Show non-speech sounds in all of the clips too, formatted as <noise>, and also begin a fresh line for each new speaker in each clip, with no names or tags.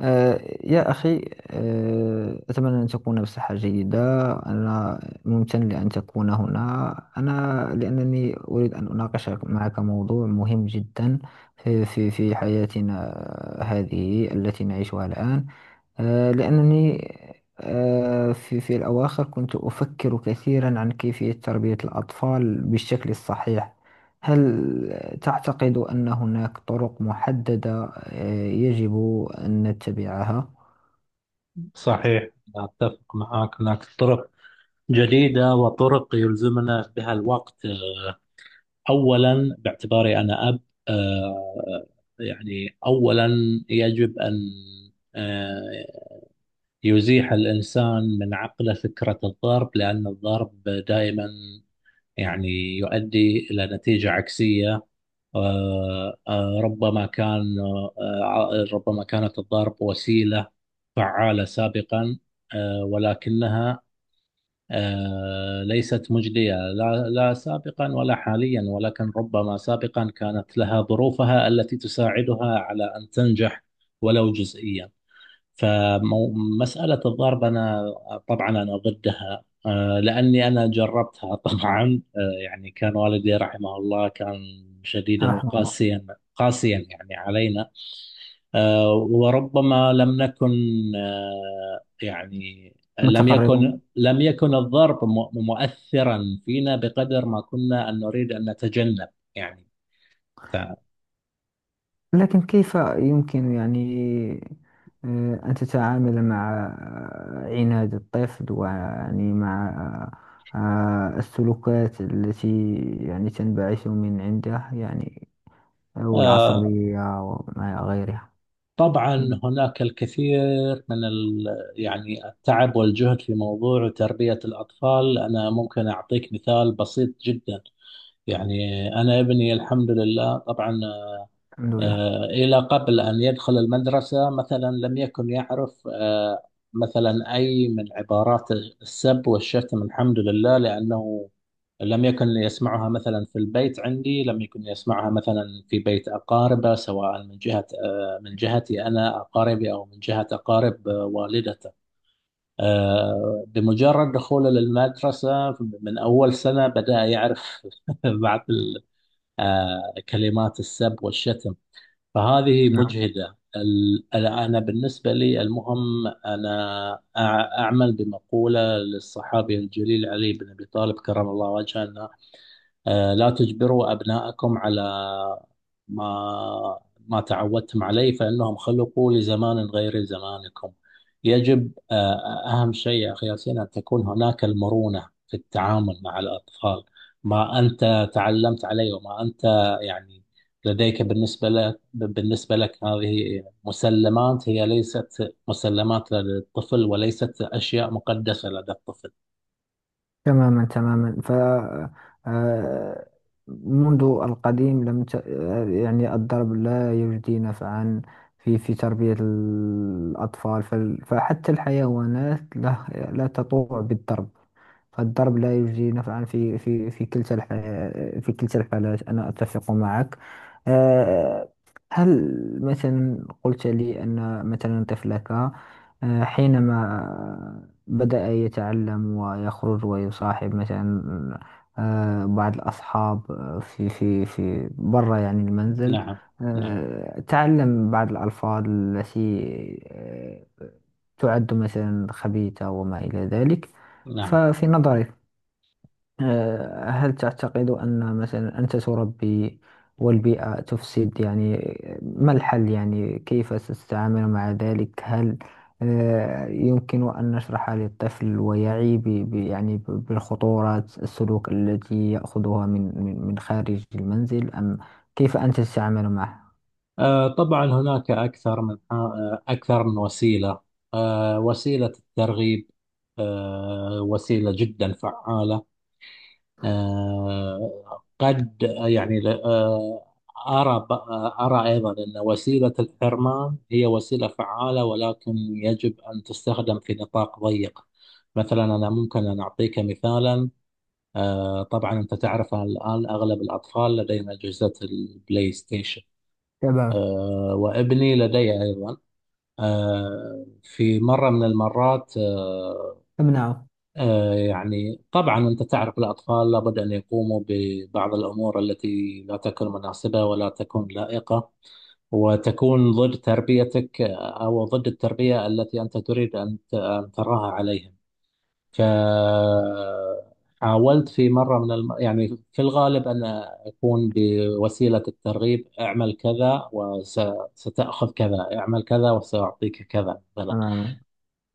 يا أخي. أتمنى أن تكون بصحة جيدة. أنا ممتن لأن تكون هنا. أنا لأنني أريد أن أناقش معك موضوع مهم جدا في حياتنا هذه التي نعيشها الآن. لأنني في الأواخر كنت أفكر كثيرا عن كيفية تربية الأطفال بالشكل الصحيح. هل تعتقد أن هناك طرق محددة يجب أن نتبعها؟
صحيح، أتفق معك. هناك طرق جديدة وطرق يلزمنا بها الوقت. أولا باعتباري أنا أب، آه، يعني أولا يجب أن آه، يزيح الإنسان من عقله فكرة الضرب، لأن الضرب دائما يعني يؤدي إلى نتيجة عكسية. آه، آه، ربما كان ربما كانت الضرب وسيلة فعالة سابقا، ولكنها ليست مجدية لا لا سابقا ولا حاليا، ولكن ربما سابقا كانت لها ظروفها التي تساعدها على أن تنجح ولو جزئيا. فمسألة الضرب أنا طبعا أنا ضدها، لأني أنا جربتها <laughs> طبعا. يعني كان والدي رحمه الله كان شديدا
رحم الله.
وقاسيا. قاسيا يعني علينا. وربما لم نكن يعني لم يكن
متقربون.
لم يكن الضرب مؤثرا فينا بقدر ما كنا أن نريد أن نتجنب. يعني ف-
لكن كيف يمكن، يعني أن تتعامل مع عناد الطفل، ويعني مع السلوكات التي يعني تنبعث من عنده، يعني
آه،
والعصبية وما إلى غيرها.
طبعا هناك الكثير من يعني التعب والجهد في موضوع تربية الأطفال. أنا ممكن أعطيك مثال بسيط جدا. يعني أنا ابني الحمد لله طبعا،
الحمد لله.
إلى قبل أن يدخل المدرسة مثلا لم يكن يعرف مثلا أي من عبارات السب والشتم، الحمد لله، لأنه لم يكن يسمعها مثلا في البيت عندي، لم يكن يسمعها مثلا في بيت أقاربه، سواء من جهة آه، من جهتي أنا أقاربي، أو من جهة أقارب والدته. بمجرد دخوله للمدرسة من أول سنة بدأ يعرف <laughs> بعض كلمات السب والشتم. فهذه مجهدة. أنا بالنسبة لي المهم، أنا أعمل بمقولة للصحابي الجليل علي بن أبي طالب كرم الله وجهه: لا تجبروا أبناءكم على ما ما تعودتم عليه، فإنهم خلقوا لزمان غير زمانكم. يجب آه، أهم شيء يا أخي ياسين أن تكون هناك المرونة في التعامل مع الأطفال. ما أنت تعلمت عليه وما أنت يعني لديك، بالنسبة لك هذه مسلمات، هي ليست مسلمات للطفل وليست أشياء مقدسة لدى الطفل.
تماما ف آه، منذ القديم لم ت... آه، يعني الضرب لا يجدي نفعا في تربية الأطفال. فحتى الحيوانات لا تطوع بالضرب. فالضرب لا يجدي نفعا في في كلتا الحالات، أنا أتفق معك. آه، هل مثلا قلت لي أن مثلا طفلك حينما بدأ يتعلم ويخرج ويصاحب مثلا بعض الأصحاب في برا يعني المنزل،
نعم، نعم،
تعلم بعض الألفاظ التي آه، تعد مثلا خبيثة وما إلى ذلك.
نعم.
ففي نظرك هل تعتقد أن مثلا أنت تربي والبيئة تفسد، يعني ما الحل؟ يعني كيف ستتعامل مع ذلك؟ هل يمكن أن نشرح للطفل ويعي يعني بالخطورات السلوك التي يأخذها من خارج المنزل، أم كيف أنت تتعامل معه؟
طبعا هناك أكثر من وسيلة. وسيلة الترغيب وسيلة جدا فعالة. قد يعني أرى أرى أيضا أن وسيلة الحرمان هي وسيلة فعالة، ولكن يجب أن تستخدم في نطاق ضيق. مثلا أنا ممكن أن أعطيك مثالا. طبعا أنت تعرف الآن أغلب الأطفال لديهم أجهزة البلاي ستيشن،
تمام.
وابني لدي أيضا. في مرة من المرات
امنعه.
يعني طبعا أنت تعرف الأطفال لابد أن يقوموا ببعض الأمور التي لا تكون مناسبة ولا تكون لائقة، وتكون ضد تربيتك، أو ضد التربية التي أنت تريد أن تراها عليهم. ك حاولت في مرة من يعني في الغالب أن أكون بوسيلة الترغيب، اعمل كذا وستأخذ كذا، اعمل كذا وسأعطيك كذا مثلا.
تماما.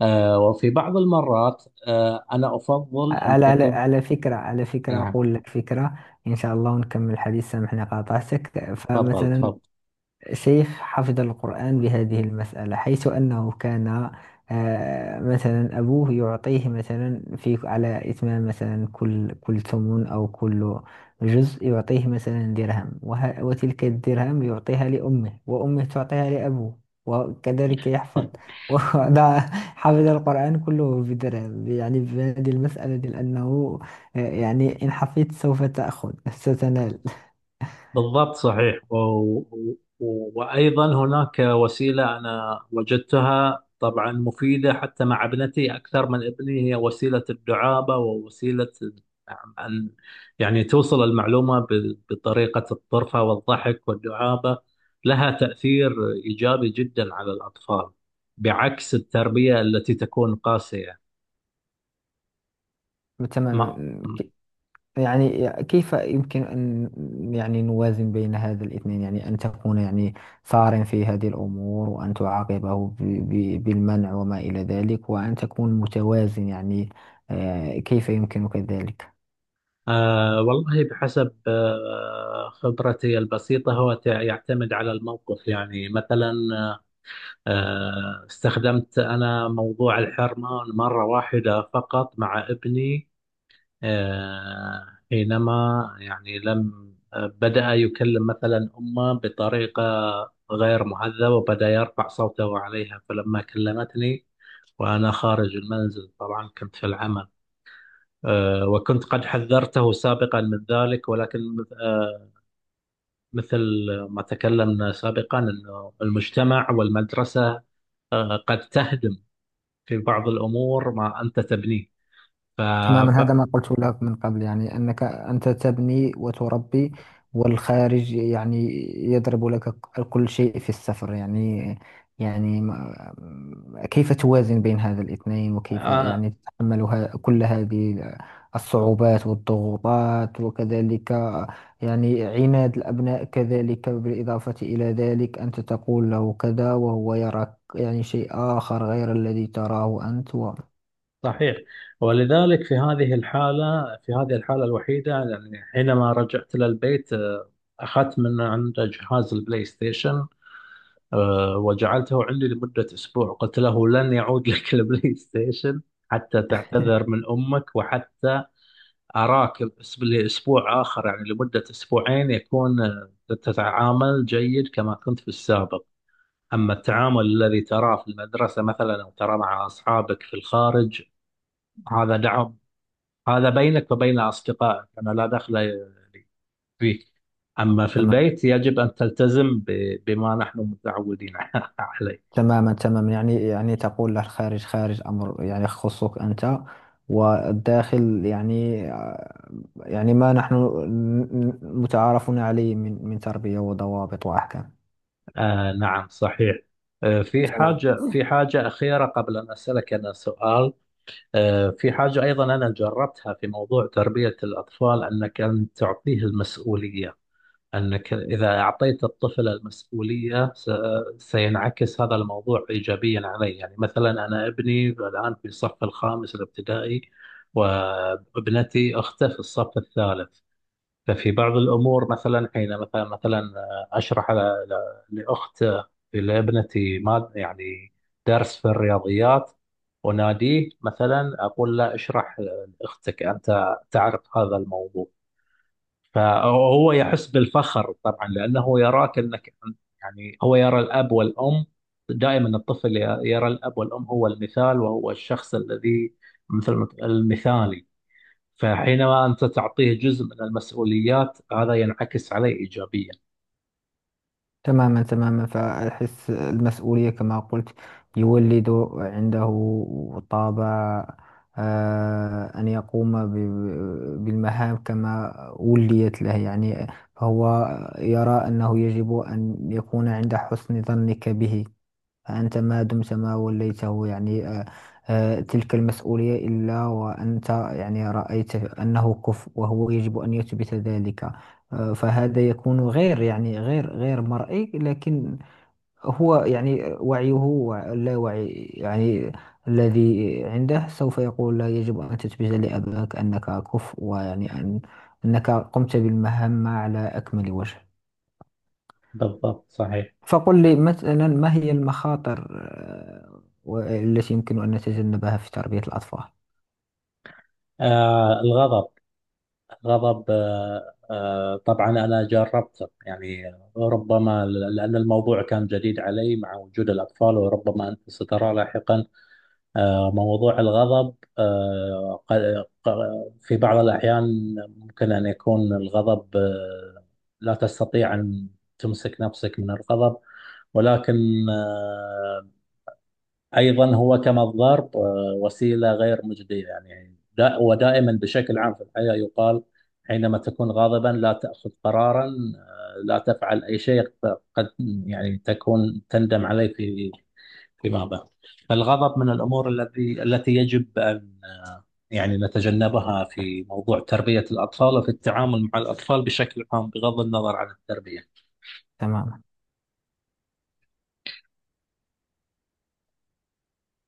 وفي بعض المرات أنا أفضل أن
على على
تكون.
على فكرة على فكرة
نعم،
أقول لك فكرة، إن شاء الله، ونكمل الحديث. سامحني قاطعتك.
تفضل
فمثلا
تفضل.
سيف حفظ القرآن بهذه المسألة، حيث أنه كان مثلا أبوه يعطيه مثلا في على إتمام مثلا كل ثمن أو كل جزء يعطيه مثلا درهم، وتلك الدرهم يعطيها لأمه، وأمه تعطيها لأبوه، وكذلك يحفظ. <laughs> وده حفظ القرآن كله بدرهم، يعني بهذه المسألة دي، لأنه يعني إن حفظت سوف تأخذ، ستنال.
بالضبط صحيح. وأيضا هناك وسيلة أنا وجدتها طبعا مفيدة حتى مع ابنتي أكثر من ابني، هي وسيلة الدعابة، ووسيلة أن يعني توصل المعلومة بطريقة الطرفة والضحك والدعابة. لها تأثير إيجابي جدا على الأطفال، بعكس التربية التي تكون قاسية. ما
تمام. يعني كيف يمكن أن يعني نوازن بين هذا الاثنين؟ يعني أن تكون يعني ثار في هذه الأمور، وأن تعاقبه بالمنع وما إلى ذلك، وأن تكون متوازن، يعني كيف يمكنك ذلك؟
آه والله بحسب خبرتي البسيطة هو يعتمد على الموقف. يعني مثلا استخدمت أنا موضوع الحرمة مرة واحدة فقط مع ابني، حينما يعني لم آه، بدأ يكلم مثلا أمه بطريقة غير مهذبة، وبدأ يرفع صوته عليها. فلما كلمتني وأنا خارج المنزل، طبعا كنت في العمل، وكنت قد حذرته سابقا من ذلك، ولكن آه، مثل ما تكلمنا سابقا أنه المجتمع والمدرسة قد تهدم في بعض الأمور ما أنت تبنيه. ف... ف...
تماما. هذا ما قلت لك من قبل، يعني أنك أنت تبني وتربي، والخارج يعني يضرب لك كل شيء في السفر، يعني يعني ما- كيف توازن بين هذا الاثنين؟ وكيف
آه،
يعني تتحمل كل هذه الصعوبات والضغوطات؟ وكذلك يعني عناد الأبناء كذلك، بالإضافة إلى ذلك، أنت تقول له كذا وهو يراك يعني شيء آخر غير الذي تراه أنت و...
صحيح. ولذلك في هذه الحالة، الوحيدة، يعني حينما رجعت إلى البيت أخذت من عنده جهاز البلاي ستيشن. وجعلته عندي لمدة أسبوع. قلت له: لن يعود لك <laughs> البلاي ستيشن حتى تعتذر من أمك، وحتى أراك لأسبوع آخر، يعني لمدة أسبوعين، يكون تتعامل جيد كما كنت في السابق. أما التعامل الذي تراه في المدرسة مثلا، أو تراه مع أصحابك في الخارج، هذا دعم، هذا بينك وبين أصدقائك، أنا لا دخل فيك. أما في البيت يجب أن تلتزم بما نحن متعودين <laughs> عليه.
تماما، يعني يعني تقول له الخارج خارج، أمر يعني يخصك أنت، والداخل يعني يعني ما نحن متعارفون عليه من تربية وضوابط وأحكام.
نعم، صحيح. في
تمام.
حاجة في حاجة أخيرة قبل أن أسألك أنا سؤال. في حاجة أيضا أنا جربتها في موضوع تربية الأطفال، أنك أن تعطيه المسؤولية. أنك إذا أعطيت الطفل المسؤولية سينعكس هذا الموضوع إيجابيا عليه. يعني مثلا أنا ابني الآن في الصف الخامس الابتدائي، وابنتي أخته في الصف الثالث. ففي بعض الأمور مثلا حين مثلا أشرح ل- ل- لأخت لابنتي ما يعني درس في الرياضيات، وناديه مثلا أقول له: اشرح لأختك، أنت تعرف هذا الموضوع. فهو يحس بالفخر طبعا، لأنه يراك أنك يعني، هو يرى الأب والأم دائما، الطفل يرى الأب والأم هو المثال، وهو الشخص الذي مثل المثالي. فحينما أنت تعطيه جزء من المسؤوليات هذا ينعكس عليه إيجابيا.
تماما. فأحس المسؤولية كما قلت يولد عنده طابع أن يقوم بالمهام كما وليت له، يعني فهو يرى أنه يجب أن يكون عند حسن ظنك به. فأنت ما دمت ما وليته، يعني تلك المسؤولية، إلا وأنت يعني رأيت أنه كفء، وهو يجب أن يثبت ذلك. فهذا يكون غير، يعني غير مرئي، لكن هو يعني وعيه، لا وعي، يعني الذي عنده، سوف يقول لا، يجب أن تثبت لأباك أنك كفء، ويعني أن أنك قمت بالمهمة على أكمل وجه.
بالضبط صحيح.
فقل لي مثلا، ما هي المخاطر التي يمكن أن نتجنبها في تربية الأطفال؟
الغضب، الغضب، طبعا أنا جربته. يعني ربما لأن الموضوع كان جديد علي مع وجود الأطفال، وربما أنت سترى لاحقا موضوع الغضب. في بعض الأحيان ممكن أن يكون الغضب، لا تستطيع أن تمسك نفسك من الغضب. ولكن ايضا هو كما الضرب وسيله غير مجديه. يعني دا ودائما بشكل عام في الحياه يقال: حينما تكون غاضبا لا تاخذ قرارا، لا تفعل اي شيء قد يعني تكون تندم عليه فيما بعد. فالغضب من الامور التي يجب ان يعني نتجنبها في موضوع تربيه الاطفال، وفي التعامل مع الاطفال بشكل عام بغض النظر عن التربيه.
تماما.